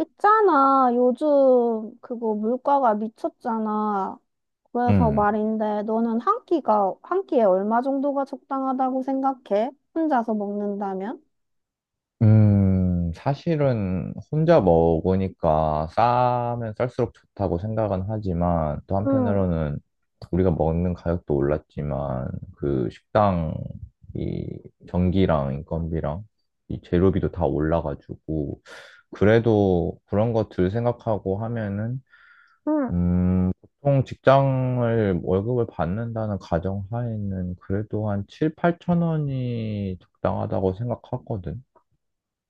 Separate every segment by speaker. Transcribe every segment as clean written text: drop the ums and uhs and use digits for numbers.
Speaker 1: 있잖아, 요즘 그거 물가가 미쳤잖아. 그래서
Speaker 2: 음,
Speaker 1: 말인데, 너는 한 끼에 얼마 정도가 적당하다고 생각해? 혼자서 먹는다면?
Speaker 2: 사실은 혼자 먹으니까 싸면 쌀수록 좋다고 생각은 하지만 또
Speaker 1: 응,
Speaker 2: 한편으로는 우리가 먹는 가격도 올랐지만 그 식당 이 전기랑 인건비랑 이 재료비도 다 올라가지고 그래도 그런 것들 생각하고 하면은
Speaker 1: 응.
Speaker 2: 음, 보통 직장을 월급을 받는다는 가정하에는 그래도 한 7, 8천 원이 적당하다고 생각하거든.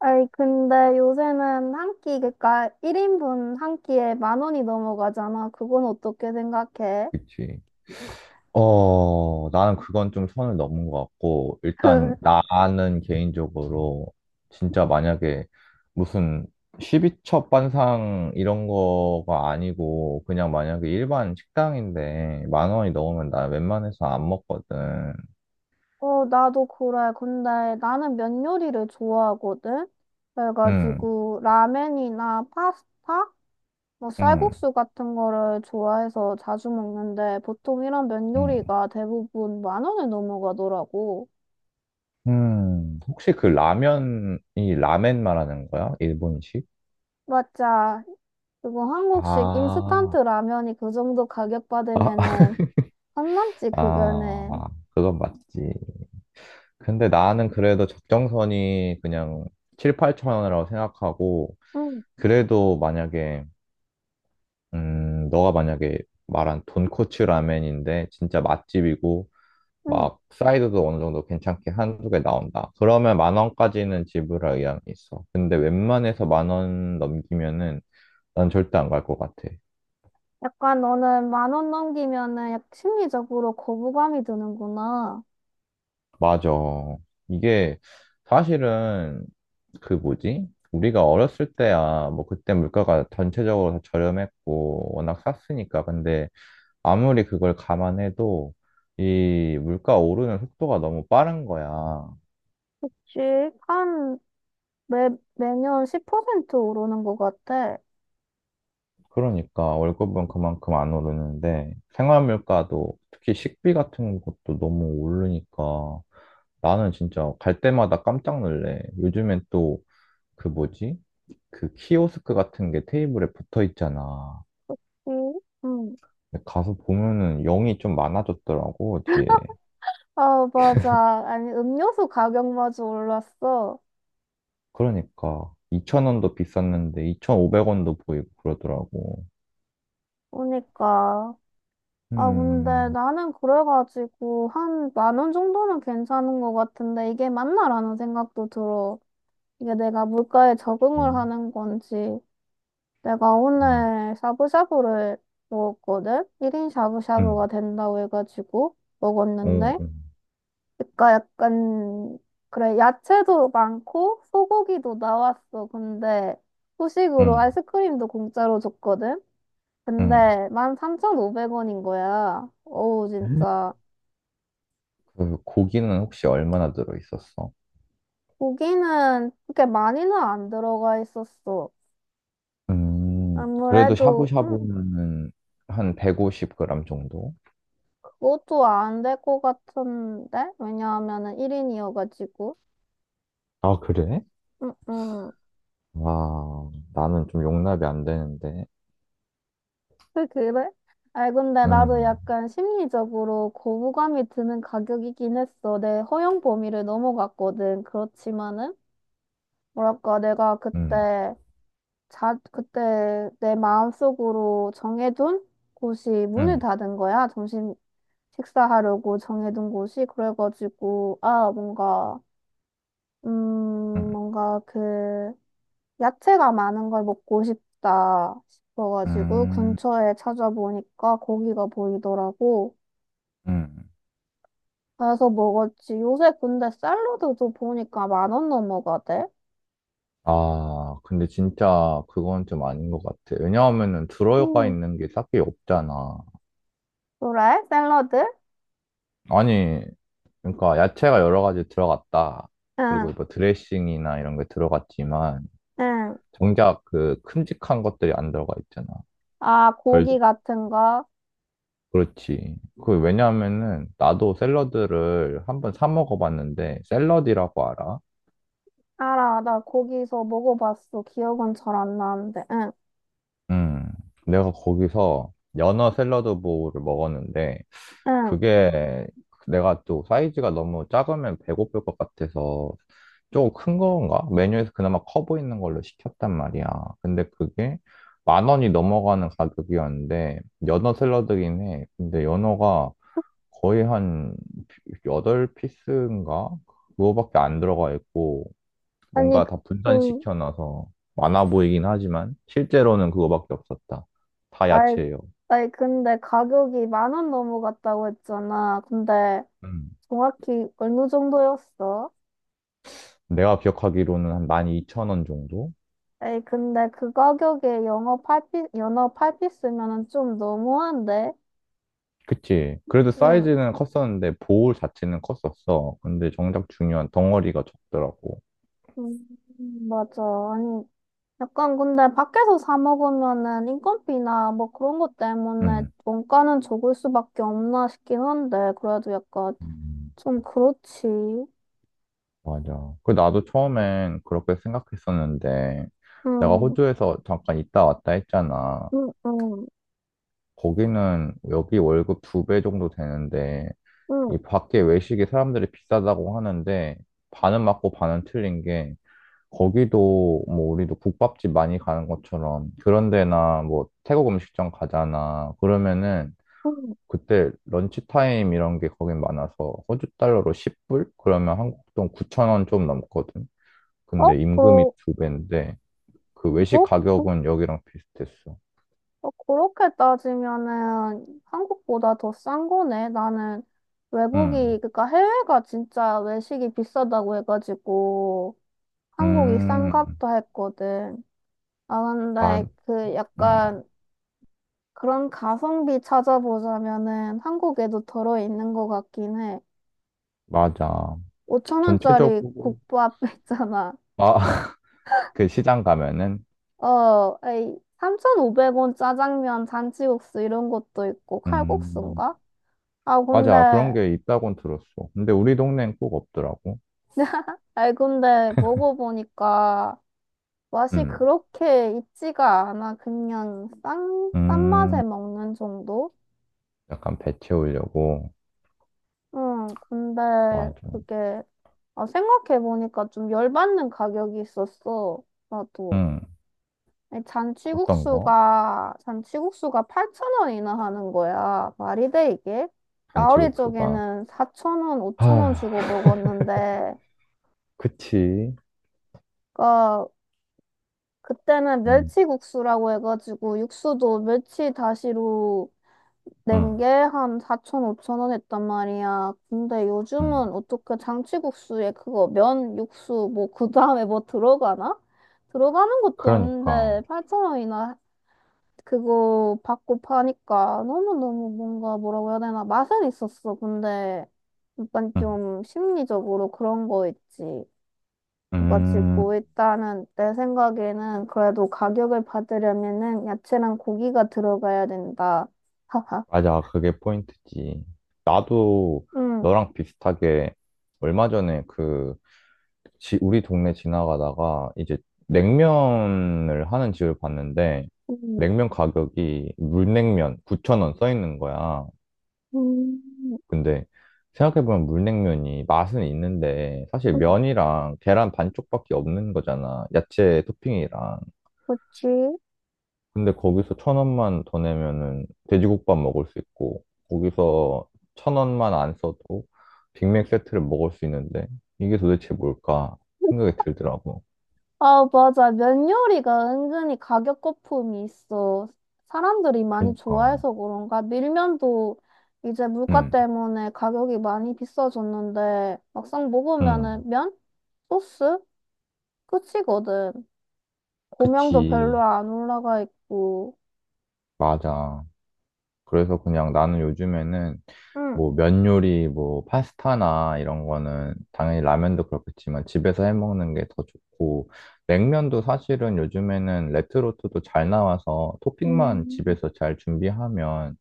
Speaker 1: 아이, 근데 요새는 그러니까 1인분 한 끼에 10,000원이 넘어가잖아. 그건 어떻게 생각해?
Speaker 2: 그치. 어, 나는 그건 좀 선을 넘은 것 같고, 일단 나는 개인적으로 진짜 만약에 무슨 12첩 반상 이런 거가 아니고, 그냥 만약에 일반 식당인데 만 원이 넘으면 나 웬만해서 안 먹거든.
Speaker 1: 어, 나도 그래. 근데 나는 면 요리를 좋아하거든?
Speaker 2: 응,
Speaker 1: 그래가지고, 라멘이나 파스타? 뭐
Speaker 2: 응,
Speaker 1: 쌀국수 같은 거를 좋아해서 자주 먹는데 보통 이런 면
Speaker 2: 응.
Speaker 1: 요리가 대부분 10,000원을 넘어가더라고.
Speaker 2: 혹시 그 라면이 라멘 말하는 거야? 일본식?
Speaker 1: 맞아. 그리고 한국식 인스턴트
Speaker 2: 아,
Speaker 1: 라면이 그 정도 가격
Speaker 2: 아,
Speaker 1: 받으면은 안 남지,
Speaker 2: 아,
Speaker 1: 그거는.
Speaker 2: 그건 맞지. 근데 나는 그래도 적정선이 그냥 7, 8천 원이라고 생각하고,
Speaker 1: 응,
Speaker 2: 그래도 만약에, 너가 만약에 말한 돈코츠 라멘인데, 진짜 맛집이고,
Speaker 1: 응.
Speaker 2: 막, 사이드도 어느 정도 괜찮게 한 두 개 나온다. 그러면 만 원까지는 지불할 의향이 있어. 근데 웬만해서 만 원 넘기면은 난 절대 안 갈 것 같아.
Speaker 1: 약간 너는 10,000원 넘기면은 약 심리적으로 거부감이 드는구나.
Speaker 2: 맞아. 이게 사실은 그 뭐지? 우리가 어렸을 때야 뭐 그때 물가가 전체적으로 다 저렴했고 워낙 쌌으니까 근데 아무리 그걸 감안해도 이 물가 오르는 속도가 너무 빠른 거야.
Speaker 1: 씩 한 매, 매년 10% 오르는 것 같아.
Speaker 2: 그러니까 월급은 그만큼 안 오르는데 생활 물가도 특히 식비 같은 것도 너무 오르니까 나는 진짜 갈 때마다 깜짝 놀래. 요즘엔 또 그 뭐지? 그 키오스크 같은 게 테이블에 붙어 있잖아.
Speaker 1: 응. 응.
Speaker 2: 근데 가서 보면은 0이 좀 많아졌더라고, 뒤에.
Speaker 1: 아, 맞아. 아니, 음료수 가격마저 올랐어.
Speaker 2: 그러니까 2천원도 비쌌는데 2,500원도 보이고 그러더라고.
Speaker 1: 그러니까. 아, 근데
Speaker 2: 음.
Speaker 1: 나는 그래가지고 한 10,000원 정도는 괜찮은 것 같은데, 이게 맞나라는 생각도 들어. 이게 내가 물가에 적응을
Speaker 2: 음.
Speaker 1: 하는 건지. 내가
Speaker 2: 음.
Speaker 1: 오늘 샤브샤브를 먹었거든? 1인
Speaker 2: 음.
Speaker 1: 샤브샤브가 된다고 해가지고
Speaker 2: 오,
Speaker 1: 먹었는데. 그러니까 약간, 그래, 야채도 많고 소고기도 나왔어. 근데 후식으로
Speaker 2: 음.
Speaker 1: 아이스크림도 공짜로 줬거든?
Speaker 2: 음.
Speaker 1: 근데 13,500원인 거야. 어우, 진짜.
Speaker 2: 그 고기는 혹시 얼마나 들어 있었어?
Speaker 1: 고기는 그렇게 많이는 안 들어가 있었어.
Speaker 2: 음. 그래도
Speaker 1: 아무래도,
Speaker 2: 샤브샤브면은 한 150g 정도?
Speaker 1: 그것도 안 될 것 같은데? 왜냐하면은 1인이어가지고.
Speaker 2: 아, 그래?
Speaker 1: 음, 음.
Speaker 2: 와, 나는 좀 용납이 안 되는데.
Speaker 1: 그래? 아, 근데 나도
Speaker 2: 음.
Speaker 1: 약간 심리적으로 거부감이 드는 가격이긴 했어. 내 허용 범위를 넘어갔거든. 그렇지만은, 뭐랄까,
Speaker 2: 음,
Speaker 1: 그때 내 마음속으로 정해둔 곳이 문을
Speaker 2: 음,
Speaker 1: 닫은 거야. 점심 식사하려고 정해둔 곳이. 그래가지고, 아, 뭔가, 음,
Speaker 2: 음,
Speaker 1: 뭔가 그, 야채가 많은 걸 먹고 싶다 싶어가지고,
Speaker 2: 음,
Speaker 1: 근처에 찾아보니까 거기가 보이더라고.
Speaker 2: 음.
Speaker 1: 그래서 먹었지. 요새 근데 샐러드도 보니까 10,000원 넘어가대.
Speaker 2: 아, 근데 진짜 그건 좀 아닌 것 같아. 왜냐하면은 들어가
Speaker 1: 음,
Speaker 2: 있는 게 딱히 없잖아.
Speaker 1: 그래? 샐러드?
Speaker 2: 아니, 그러니까 야채가 여러 가지 들어갔다. 그리고
Speaker 1: 응,
Speaker 2: 뭐 드레싱이나 이런 게 들어갔지만
Speaker 1: 응.
Speaker 2: 정작 그 큼직한 것들이 안 들어가 있잖아.
Speaker 1: 아,
Speaker 2: 덜,
Speaker 1: 고기 같은 거.
Speaker 2: 그렇지. 그 왜냐하면은 나도 샐러드를 한 번 사 먹어봤는데 샐러디라고 알아?
Speaker 1: 알아, 나 거기서 먹어봤어. 기억은 잘 안 나는데. 응,
Speaker 2: 음. 내가 거기서 연어 샐러드 보우를 먹었는데
Speaker 1: 응.
Speaker 2: 그게 내가 또 사이즈가 너무 작으면 배고플 것 같아서 조금 큰 건가? 메뉴에서 그나마 커 보이는 걸로 시켰단 말이야. 근데 그게 만 원이 넘어가는 가격이었는데 연어 샐러드긴 해. 근데 연어가 거의 한 여덟 피스인가 그거밖에 안 들어가 있고
Speaker 1: 아니,
Speaker 2: 뭔가 다
Speaker 1: 그- 응.
Speaker 2: 분산시켜놔서 많아 보이긴 하지만 실제로는 그거밖에 없었다. 다
Speaker 1: 아이,
Speaker 2: 야채예요.
Speaker 1: 아이, 근데 가격이 10,000원 넘어갔다고 했잖아. 근데
Speaker 2: 음.
Speaker 1: 정확히 어느 정도였어?
Speaker 2: 내가 기억하기로는 한 12,000원 정도?
Speaker 1: 에이, 근데 그 가격에 영어 팔피 연어 8피 스면은 좀 너무한데?
Speaker 2: 그치. 그래도
Speaker 1: 응,
Speaker 2: 사이즈는 컸었는데 볼 자체는 컸었어. 근데 정작 중요한 덩어리가 적더라고.
Speaker 1: 음, 맞아. 아니, 약간 근데 밖에서 사 먹으면은 인건비나 뭐 그런 것 때문에
Speaker 2: 응.
Speaker 1: 원가는 적을 수밖에 없나 싶긴 한데, 그래도 약간
Speaker 2: 음,
Speaker 1: 좀 그렇지.
Speaker 2: 맞아. 그 나도 처음엔 그렇게 생각했었는데 내가
Speaker 1: 응.
Speaker 2: 호주에서 잠깐 있다 왔다 했잖아.
Speaker 1: 응. 응.
Speaker 2: 거기는 여기 월급 두 배 정도 되는데 이
Speaker 1: 응.
Speaker 2: 밖에 외식이 사람들이 비싸다고 하는데 반은 맞고 반은 틀린 게 거기도 뭐 우리도 국밥집 많이 가는 것처럼 그런 데나 뭐 태국 음식점 가잖아. 그러면은
Speaker 1: 응.
Speaker 2: 그때 런치타임 이런 게 거긴 많아서 호주 달러로 10불? 그러면 한국 돈 9천 원 좀 넘거든.
Speaker 1: 어,
Speaker 2: 근데 임금이 두 배인데 그 외식
Speaker 1: 그러, 어,
Speaker 2: 가격은 여기랑 비슷했어.
Speaker 1: 어, 그렇게 따지면은 한국보다 더 싼 거네.
Speaker 2: 응.
Speaker 1: 그러니까 해외가 진짜 외식이 비싸다고 해가지고 한국이
Speaker 2: 음.
Speaker 1: 싼값도 했거든. 아,
Speaker 2: 아,
Speaker 1: 근데 그
Speaker 2: 음.
Speaker 1: 약간 그런 가성비 찾아보자면은 한국에도 들어있는 것 같긴 해.
Speaker 2: 맞아.
Speaker 1: 5천
Speaker 2: 전체적으로
Speaker 1: 원짜리 국밥 있잖아.
Speaker 2: 아, 그 시장 가면은
Speaker 1: 어, 에이, 3,500원 짜장면, 잔치국수 이런 것도 있고,
Speaker 2: 음.
Speaker 1: 칼국수인가? 아, 근데,
Speaker 2: 맞아. 그런 게 있다곤 들었어. 근데 우리 동네엔 꼭 없더라고.
Speaker 1: 근데 먹어보니까 맛이
Speaker 2: 음.
Speaker 1: 그렇게 있지가 않아. 그냥 싼 맛에
Speaker 2: 음.
Speaker 1: 먹는 정도?
Speaker 2: 약간 배 채우려고.
Speaker 1: 응, 근데
Speaker 2: 맞아.
Speaker 1: 그게, 아, 생각해보니까 좀 열받는 가격이 있었어. 나도.
Speaker 2: 음.
Speaker 1: 아니,
Speaker 2: 어떤 거?
Speaker 1: 잔치국수가 8,000원이나 하는 거야. 말이 돼, 이게? 나 어릴
Speaker 2: 잔치국수가.
Speaker 1: 적에는 4,000원, 5,000원
Speaker 2: 아,
Speaker 1: 주고 먹었는데,
Speaker 2: 그치.
Speaker 1: 그, 그때는
Speaker 2: 음,
Speaker 1: 멸치국수라고 해가지고, 육수도 멸치 다시로 낸
Speaker 2: 음,
Speaker 1: 게 한 4,000, 5,000원 했단 말이야. 근데
Speaker 2: 음.
Speaker 1: 요즘은 어떻게 잔치국수에 그거 면, 육수, 뭐, 그 다음에 뭐 들어가나? 들어가는 것도
Speaker 2: 그러니까.
Speaker 1: 없는데, 8,000원이나 그거 받고 파니까, 너무너무 뭔가 뭐라고 해야 되나, 맛은 있었어. 근데 약간
Speaker 2: 음,
Speaker 1: 좀 심리적으로 그런 거 있지. 그래가지고
Speaker 2: 음,
Speaker 1: 일단은 내 생각에는 그래도 가격을 받으려면은 야채랑 고기가 들어가야 된다. 하하.
Speaker 2: 맞아. 그게 포인트지. 나도
Speaker 1: 응.
Speaker 2: 너랑 비슷하게 얼마 전에 그, 우리 동네 지나가다가 이제 냉면을 하는 집을 봤는데,
Speaker 1: 응.
Speaker 2: 냉면 가격이 물냉면 9천원 써 있는 거야.
Speaker 1: 음,
Speaker 2: 근데 생각해보면 물냉면이 맛은 있는데, 사실
Speaker 1: 음,
Speaker 2: 면이랑 계란 반쪽밖에 없는 거잖아. 야채 토핑이랑.
Speaker 1: 그치?
Speaker 2: 근데 거기서 천 원만 더 내면은 돼지국밥 먹을 수 있고, 거기서 천 원만 안 써도 빅맥 세트를 먹을 수 있는데, 이게 도대체 뭘까 생각이 들더라고.
Speaker 1: 아, 맞아. 면 요리가 은근히 가격 거품이 있어. 사람들이 많이
Speaker 2: 그니까,
Speaker 1: 좋아해서 그런가? 밀면도 이제 물가
Speaker 2: 응,
Speaker 1: 때문에 가격이 많이 비싸졌는데, 막상
Speaker 2: 응,
Speaker 1: 먹으면은 면? 소스? 끝이거든. 고명도 별로
Speaker 2: 그치,
Speaker 1: 안 올라가 있고.
Speaker 2: 맞아. 그래서 그냥 나는 요즘에는
Speaker 1: 응.
Speaker 2: 뭐 면 요리, 뭐 파스타나 이런 거는 당연히 라면도 그렇겠지만 집에서 해 먹는 게 더 좋고 냉면도 사실은 요즘에는 레트로트도 잘 나와서 토핑만
Speaker 1: 음,
Speaker 2: 집에서 잘 준비하면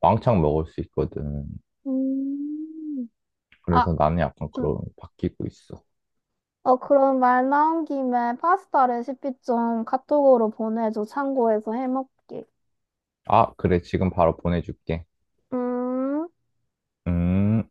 Speaker 2: 왕창 먹을 수 있거든.
Speaker 1: 음. 아,
Speaker 2: 그래서 나는 약간
Speaker 1: 응.
Speaker 2: 그런 바뀌고 있어.
Speaker 1: 어, 그럼 말 나온 김에 파스타 레시피 좀 카톡으로 보내줘. 참고해서 해먹게.
Speaker 2: 아, 그래. 지금 바로 보내줄게.
Speaker 1: 음.
Speaker 2: 음.